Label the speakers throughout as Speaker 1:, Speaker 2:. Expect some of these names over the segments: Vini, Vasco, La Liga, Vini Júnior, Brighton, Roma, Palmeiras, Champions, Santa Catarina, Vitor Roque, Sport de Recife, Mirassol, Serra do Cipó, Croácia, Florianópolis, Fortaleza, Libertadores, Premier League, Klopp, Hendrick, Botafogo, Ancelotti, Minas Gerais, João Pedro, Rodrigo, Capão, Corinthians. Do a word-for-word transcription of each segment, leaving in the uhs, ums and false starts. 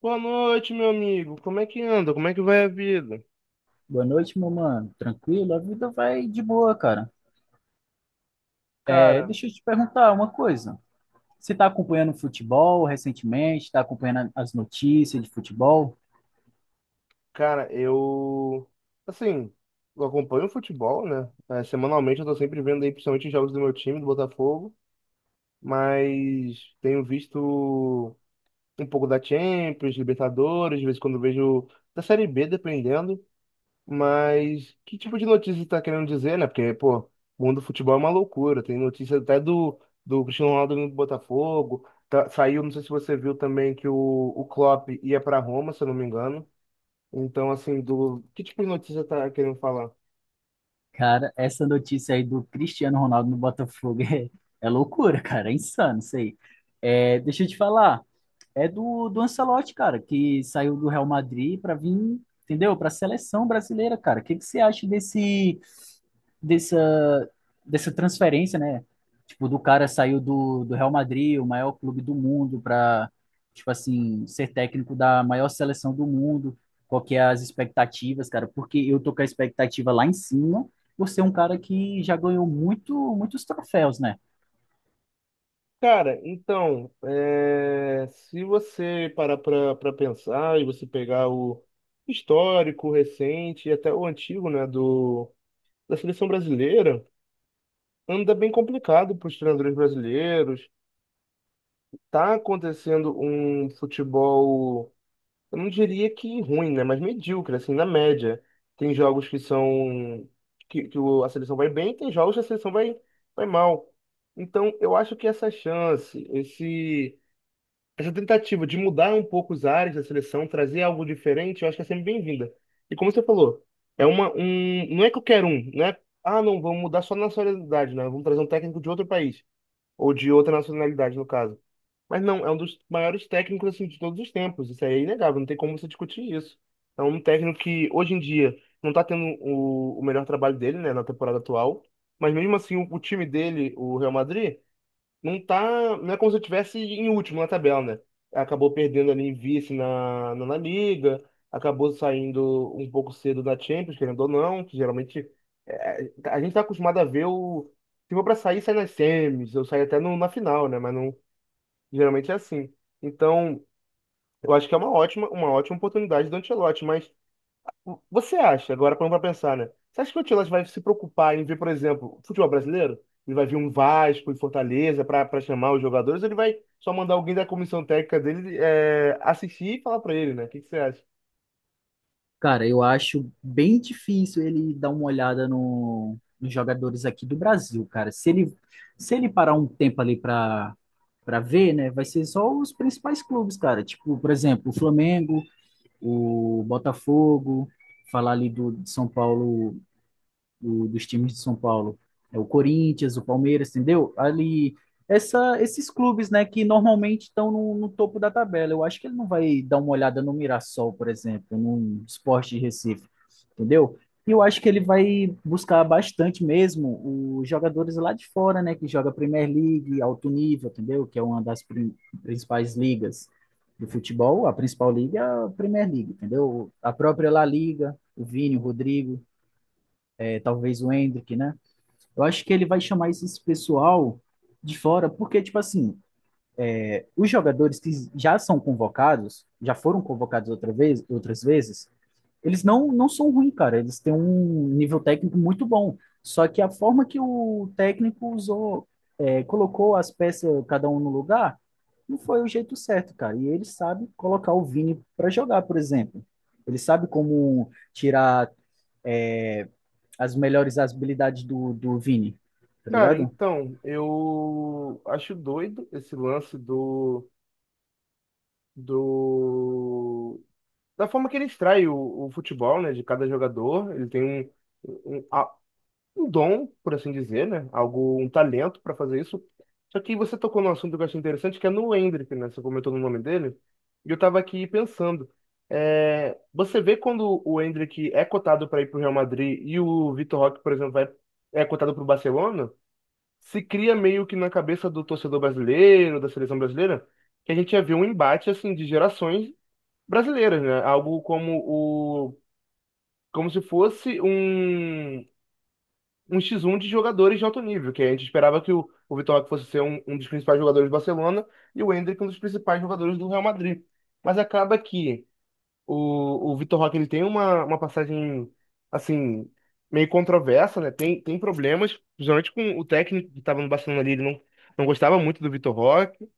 Speaker 1: Boa noite, meu amigo. Como é que anda? Como é que vai a vida?
Speaker 2: Boa noite, meu mano. Tranquilo? A vida vai de boa, cara. É,
Speaker 1: Cara,
Speaker 2: deixa eu te perguntar uma coisa. Você tá acompanhando futebol recentemente? Tá acompanhando as notícias de futebol?
Speaker 1: cara, eu assim, eu acompanho o futebol, né? É, semanalmente eu tô sempre vendo aí, principalmente os jogos do meu time, do Botafogo, mas tenho visto um pouco da Champions, Libertadores, de vez em quando eu vejo da Série B, dependendo. Mas que tipo de notícia você tá querendo dizer, né? Porque, pô, o mundo do futebol é uma loucura. Tem notícia até do, do Cristiano Ronaldo indo pro Botafogo. Tá- saiu, não sei se você viu também, que o, o Klopp ia pra Roma, se eu não me engano. Então, assim, do que tipo de notícia você tá querendo falar?
Speaker 2: Cara, essa notícia aí do Cristiano Ronaldo no Botafogo é, é loucura, cara. É insano isso aí. É, deixa eu te falar. É do, do Ancelotti, cara, que saiu do Real Madrid pra vir, entendeu? Pra seleção brasileira, cara. O que que você acha desse dessa, dessa transferência, né? Tipo, do cara saiu do, do Real Madrid, o maior clube do mundo, para, tipo assim, ser técnico da maior seleção do mundo. Qual que é as expectativas, cara? Porque eu tô com a expectativa lá em cima, por ser um cara que já ganhou muito, muitos troféus, né?
Speaker 1: Cara, então, é, se você parar pra, pra pensar e você pegar o histórico, o recente e até o antigo, né, do, da seleção brasileira, anda bem complicado para os treinadores brasileiros. Tá acontecendo um futebol, eu não diria que ruim, né? Mas medíocre, assim, na média. Tem jogos que são que, que o- a seleção vai bem, tem jogos que a seleção vai, vai mal. Então, eu acho que essa chance, esse, essa tentativa de mudar um pouco os ares da seleção, trazer algo diferente, eu acho que é sempre bem-vinda. E como você falou, é uma, um, não é qualquer um, né? Ah, não, vamos mudar só a nacionalidade, né? Vamos trazer um técnico de outro país, ou de outra nacionalidade, no caso. Mas não, é um dos maiores técnicos assim, de todos os tempos. Isso aí é inegável, não tem como você discutir isso. É um técnico que hoje em dia não está tendo o, o melhor trabalho dele, né, na temporada atual. Mas mesmo assim, o, o time dele, o Real Madrid, não tá. Não é como se estivesse em último na tabela, né? Acabou perdendo ali em vice na, na, La Liga, acabou saindo um pouco cedo da Champions, querendo ou não, que geralmente é, a gente está acostumado a ver o. Se for para sair, sai nas semis, eu saio até no- na final, né? Mas não. Geralmente é assim. Então, eu acho que é uma ótima, uma ótima oportunidade do Ancelotti, mas o- você acha, agora parando para pensar, né? Você acha que o Ancelotti vai se preocupar em ver, por exemplo, futebol brasileiro? Ele vai vir um Vasco e Fortaleza para para chamar os jogadores, ou ele vai só mandar alguém da comissão técnica dele é, assistir e falar para ele, né? O que que você acha?
Speaker 2: Cara, eu acho bem difícil ele dar uma olhada no- nos jogadores aqui do Brasil, cara. Se ele, se ele parar um tempo ali para para ver, né, vai ser só os principais clubes, cara. Tipo, por exemplo, o Flamengo, o Botafogo, falar ali do de São Paulo, do- dos times de São Paulo. É o Corinthians, o Palmeiras, entendeu? Ali, essa, esses clubes, né, que normalmente estão no, no topo da tabela. Eu acho que ele não vai dar uma olhada no Mirassol, por exemplo, no Sport de Recife, entendeu? E eu acho que ele vai buscar bastante mesmo os jogadores lá de fora, né, que joga Premier League, alto nível, entendeu? Que é uma das prin- principais ligas do futebol. A principal liga é a Premier League, entendeu? A própria La Liga, o Vini, o Rodrigo, é, talvez o Hendrick, né? Eu acho que ele vai chamar esse pessoal de fora, porque, tipo assim, os jogadores que já são convocados, já foram convocados outra vez, outras vezes, eles não, não são ruins, cara. Eles têm um nível técnico muito bom. Só que a forma que o técnico usou, é, colocou as peças, cada um no lugar, não foi o jeito certo, cara. E ele sabe colocar o Vini para jogar, por exemplo. Ele sabe como tirar é, as melhores habilidades do, do Vini, tá
Speaker 1: Cara,
Speaker 2: ligado?
Speaker 1: então, eu acho doido esse lance do, do da forma que ele extrai o, o futebol, né, de cada jogador. Ele tem um, um- um dom, por assim dizer, né? Algo, um talento para fazer isso. Só que você tocou num assunto que eu achei interessante, que é no Hendrick, né? Você comentou no nome dele, e eu tava aqui pensando. É, você vê quando o Hendrick é cotado para ir para o Real Madrid e o Vitor Roque, por exemplo, vai, é cotado para o Barcelona, se cria meio que na cabeça do torcedor brasileiro, da seleção brasileira, que a gente ia ver um embate assim de gerações brasileiras, né? Algo como o como se fosse um um X um de jogadores de alto nível, que a gente esperava que o, o Vitor Roque fosse ser um, um dos principais jogadores do Barcelona e o Endrick um dos principais jogadores do Real Madrid. Mas acaba que o, o Vitor Roque ele tem uma, uma passagem, assim, meio controversa, né? Tem, tem problemas, principalmente com o técnico que estava no Barcelona ali, ele não, não gostava muito do Vitor Roque.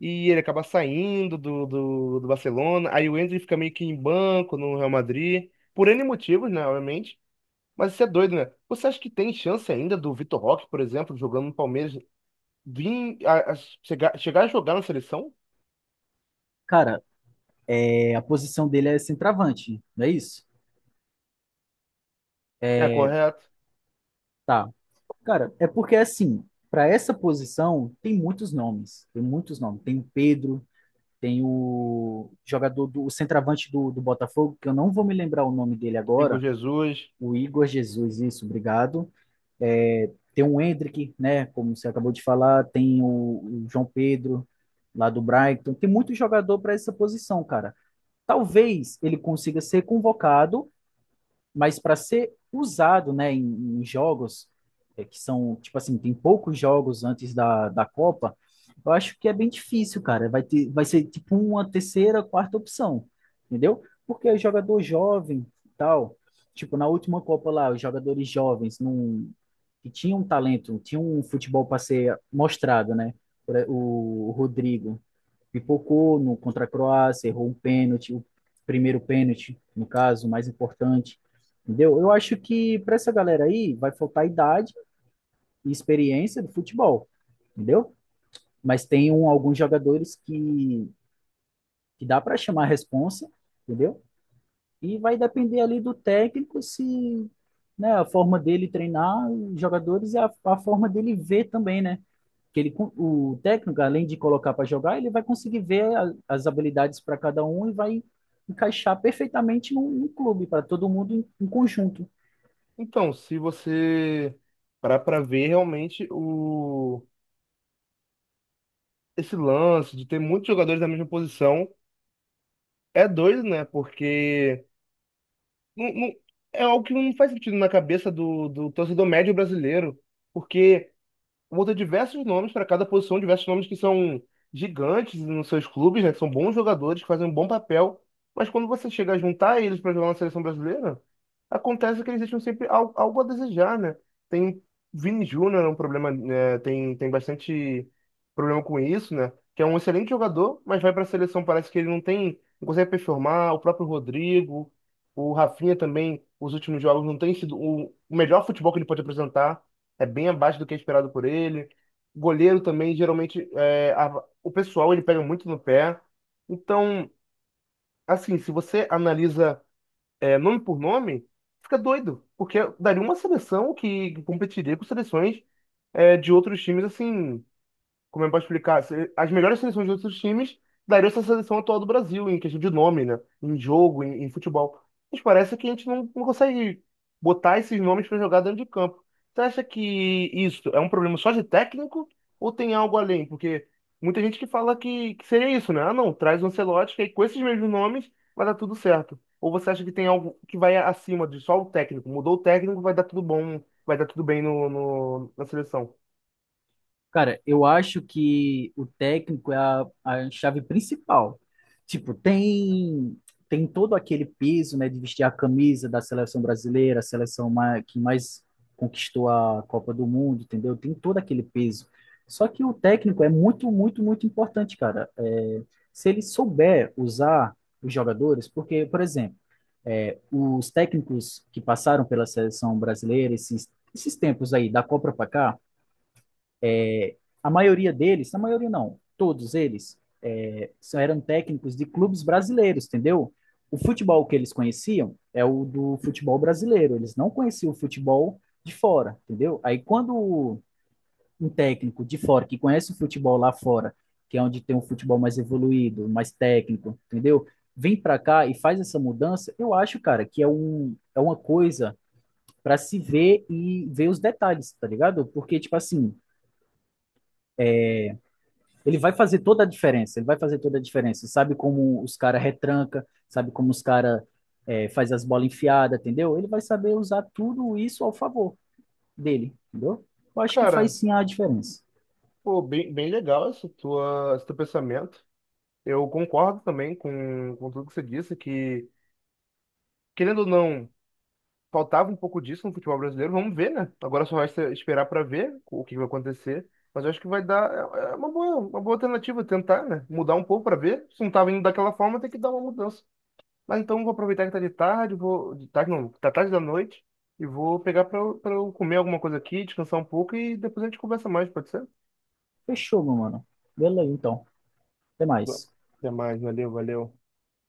Speaker 1: E ele acaba saindo do, do, do Barcelona. Aí o Endrick fica meio que em banco no Real Madrid. Por N motivos, né? Obviamente. Mas isso é doido, né? Você acha que tem chance ainda do Vitor Roque, por exemplo, jogando no Palmeiras, vir a, a chegar, chegar a jogar na seleção?
Speaker 2: Cara, é, a posição dele é centroavante, não é isso?
Speaker 1: É
Speaker 2: É,
Speaker 1: correto.
Speaker 2: tá. Cara, é porque assim, para essa posição tem muitos nomes, tem muitos nomes. Tem o Pedro, tem o jogador do o centroavante do, do Botafogo, que eu não vou me lembrar o nome dele
Speaker 1: Igor
Speaker 2: agora,
Speaker 1: Jesus.
Speaker 2: o Igor Jesus, isso, obrigado. É, tem o Hendrick, né, como você acabou de falar, tem o, o João Pedro, lá do Brighton, tem muito jogador para essa posição, cara. Talvez ele consiga ser convocado, mas para ser usado, né, em, em jogos é, que são, tipo assim, tem poucos jogos antes da, da Copa, eu acho que é bem difícil, cara. Vai ter, vai ser tipo uma terceira, quarta opção, entendeu? Porque o jogador jovem e tal, tipo, na última Copa lá, os jogadores jovens não, que tinham talento, tinham um futebol para ser mostrado, né? Por e- O, o Rodrigo pipocou no contra a Croácia, errou um pênalti, o primeiro pênalti, no caso, o mais importante. Entendeu? Eu acho que para essa galera aí vai faltar idade e experiência do futebol, entendeu? Mas tem um, alguns jogadores que, que dá para chamar a responsa, entendeu? E vai depender ali do técnico se né, a forma dele treinar os jogadores e a, a forma dele ver também, né? Que ele, con- o técnico, além de colocar para jogar, ele vai conseguir ver a- as habilidades para cada um e vai encaixar perfeitamente num, num clube, para todo mundo em, em conjunto.
Speaker 1: Então, se você parar para ver realmente o esse lance de ter muitos jogadores da mesma posição, é doido, né? Porque não, não- é algo que não faz sentido na cabeça do, do torcedor médio brasileiro, porque muda diversos nomes para cada posição, diversos nomes que são gigantes nos seus clubes, né? Que são bons jogadores, que fazem um bom papel. Mas quando você chega a juntar eles para jogar na seleção brasileira, acontece que eles deixam sempre al- algo a desejar, né? Tem Vini Júnior, é um problema, né? Tem, tem bastante problema com isso, né? Que é um excelente jogador, mas vai para a seleção, parece que ele não tem, não consegue performar. O próprio Rodrigo, o Rafinha também, os últimos jogos não tem sido o o melhor futebol que ele pode apresentar, é bem abaixo do que é esperado por ele. Goleiro também, geralmente, é, a- o pessoal ele pega muito no pé. Então, assim, se você analisa é, nome por nome, fica doido, porque daria uma seleção que competiria com seleções, é, de outros times, assim, como eu posso explicar, se- as melhores seleções de outros times dariam essa seleção atual do Brasil, em questão de nome, né? Em jogo, em, em futebol. Mas parece que a gente não, não consegue botar esses nomes para jogar dentro de campo. Você acha que isso é um problema só de técnico ou tem algo além? Porque muita gente que fala que, que seria isso, né? Ah, não, traz o Ancelotti, que aí com esses mesmos nomes vai dar tudo certo. Ou você acha que tem algo que vai acima de só o técnico? Mudou o técnico, vai dar tudo bom, vai dar tudo bem no, no- na seleção.
Speaker 2: Cara, eu acho que o técnico é a, a chave principal. Tipo, tem tem todo aquele peso, né, de vestir a camisa da seleção brasileira, a seleção ma- que mais conquistou a Copa do Mundo, entendeu? Tem todo aquele peso. Só que o técnico é muito, muito, muito importante, cara. É, se ele souber usar os jogadores, porque, por exemplo, é, os técnicos que passaram pela seleção brasileira esses, esses tempos aí, da Copa para cá, é, a maioria deles, a maioria não, todos eles é, eram técnicos de clubes brasileiros, entendeu? O futebol que eles conheciam é o do futebol brasileiro, eles não conheciam o futebol de fora, entendeu? Aí quando um técnico de fora que conhece o futebol lá fora, que é onde tem um futebol mais evoluído, mais técnico, entendeu? Vem para cá e faz essa mudança, eu acho, cara, que é um, é uma coisa para se ver e ver os detalhes, tá ligado? Porque, tipo assim, ele vai fazer toda a diferença, ele vai fazer toda a diferença. Sabe como os caras retranca, sabe como os caras é, faz as bolas enfiadas, entendeu? Ele vai saber usar tudo isso ao favor dele, entendeu? Eu acho que faz
Speaker 1: Cara,
Speaker 2: sim a diferença.
Speaker 1: pô, bem, bem legal esse, tua, esse teu pensamento. Eu concordo também com, com tudo que você disse, que, querendo ou não, faltava um pouco disso no futebol brasileiro. Vamos ver, né? Agora só resta esperar para ver o que vai acontecer. Mas eu acho que vai dar é é uma boa, uma boa alternativa tentar, né? Mudar um pouco para ver. Se não tava indo daquela forma, tem que dar uma mudança. Mas então eu vou aproveitar que tá de tarde, vou. De tarde não, tá tarde da noite, e vou pegar para eu pra eu comer alguma coisa aqui, descansar um pouco e depois a gente conversa mais, pode ser?
Speaker 2: Fechou, meu mano. Beleza, então. Até
Speaker 1: Bom,
Speaker 2: mais.
Speaker 1: até mais, valeu, valeu.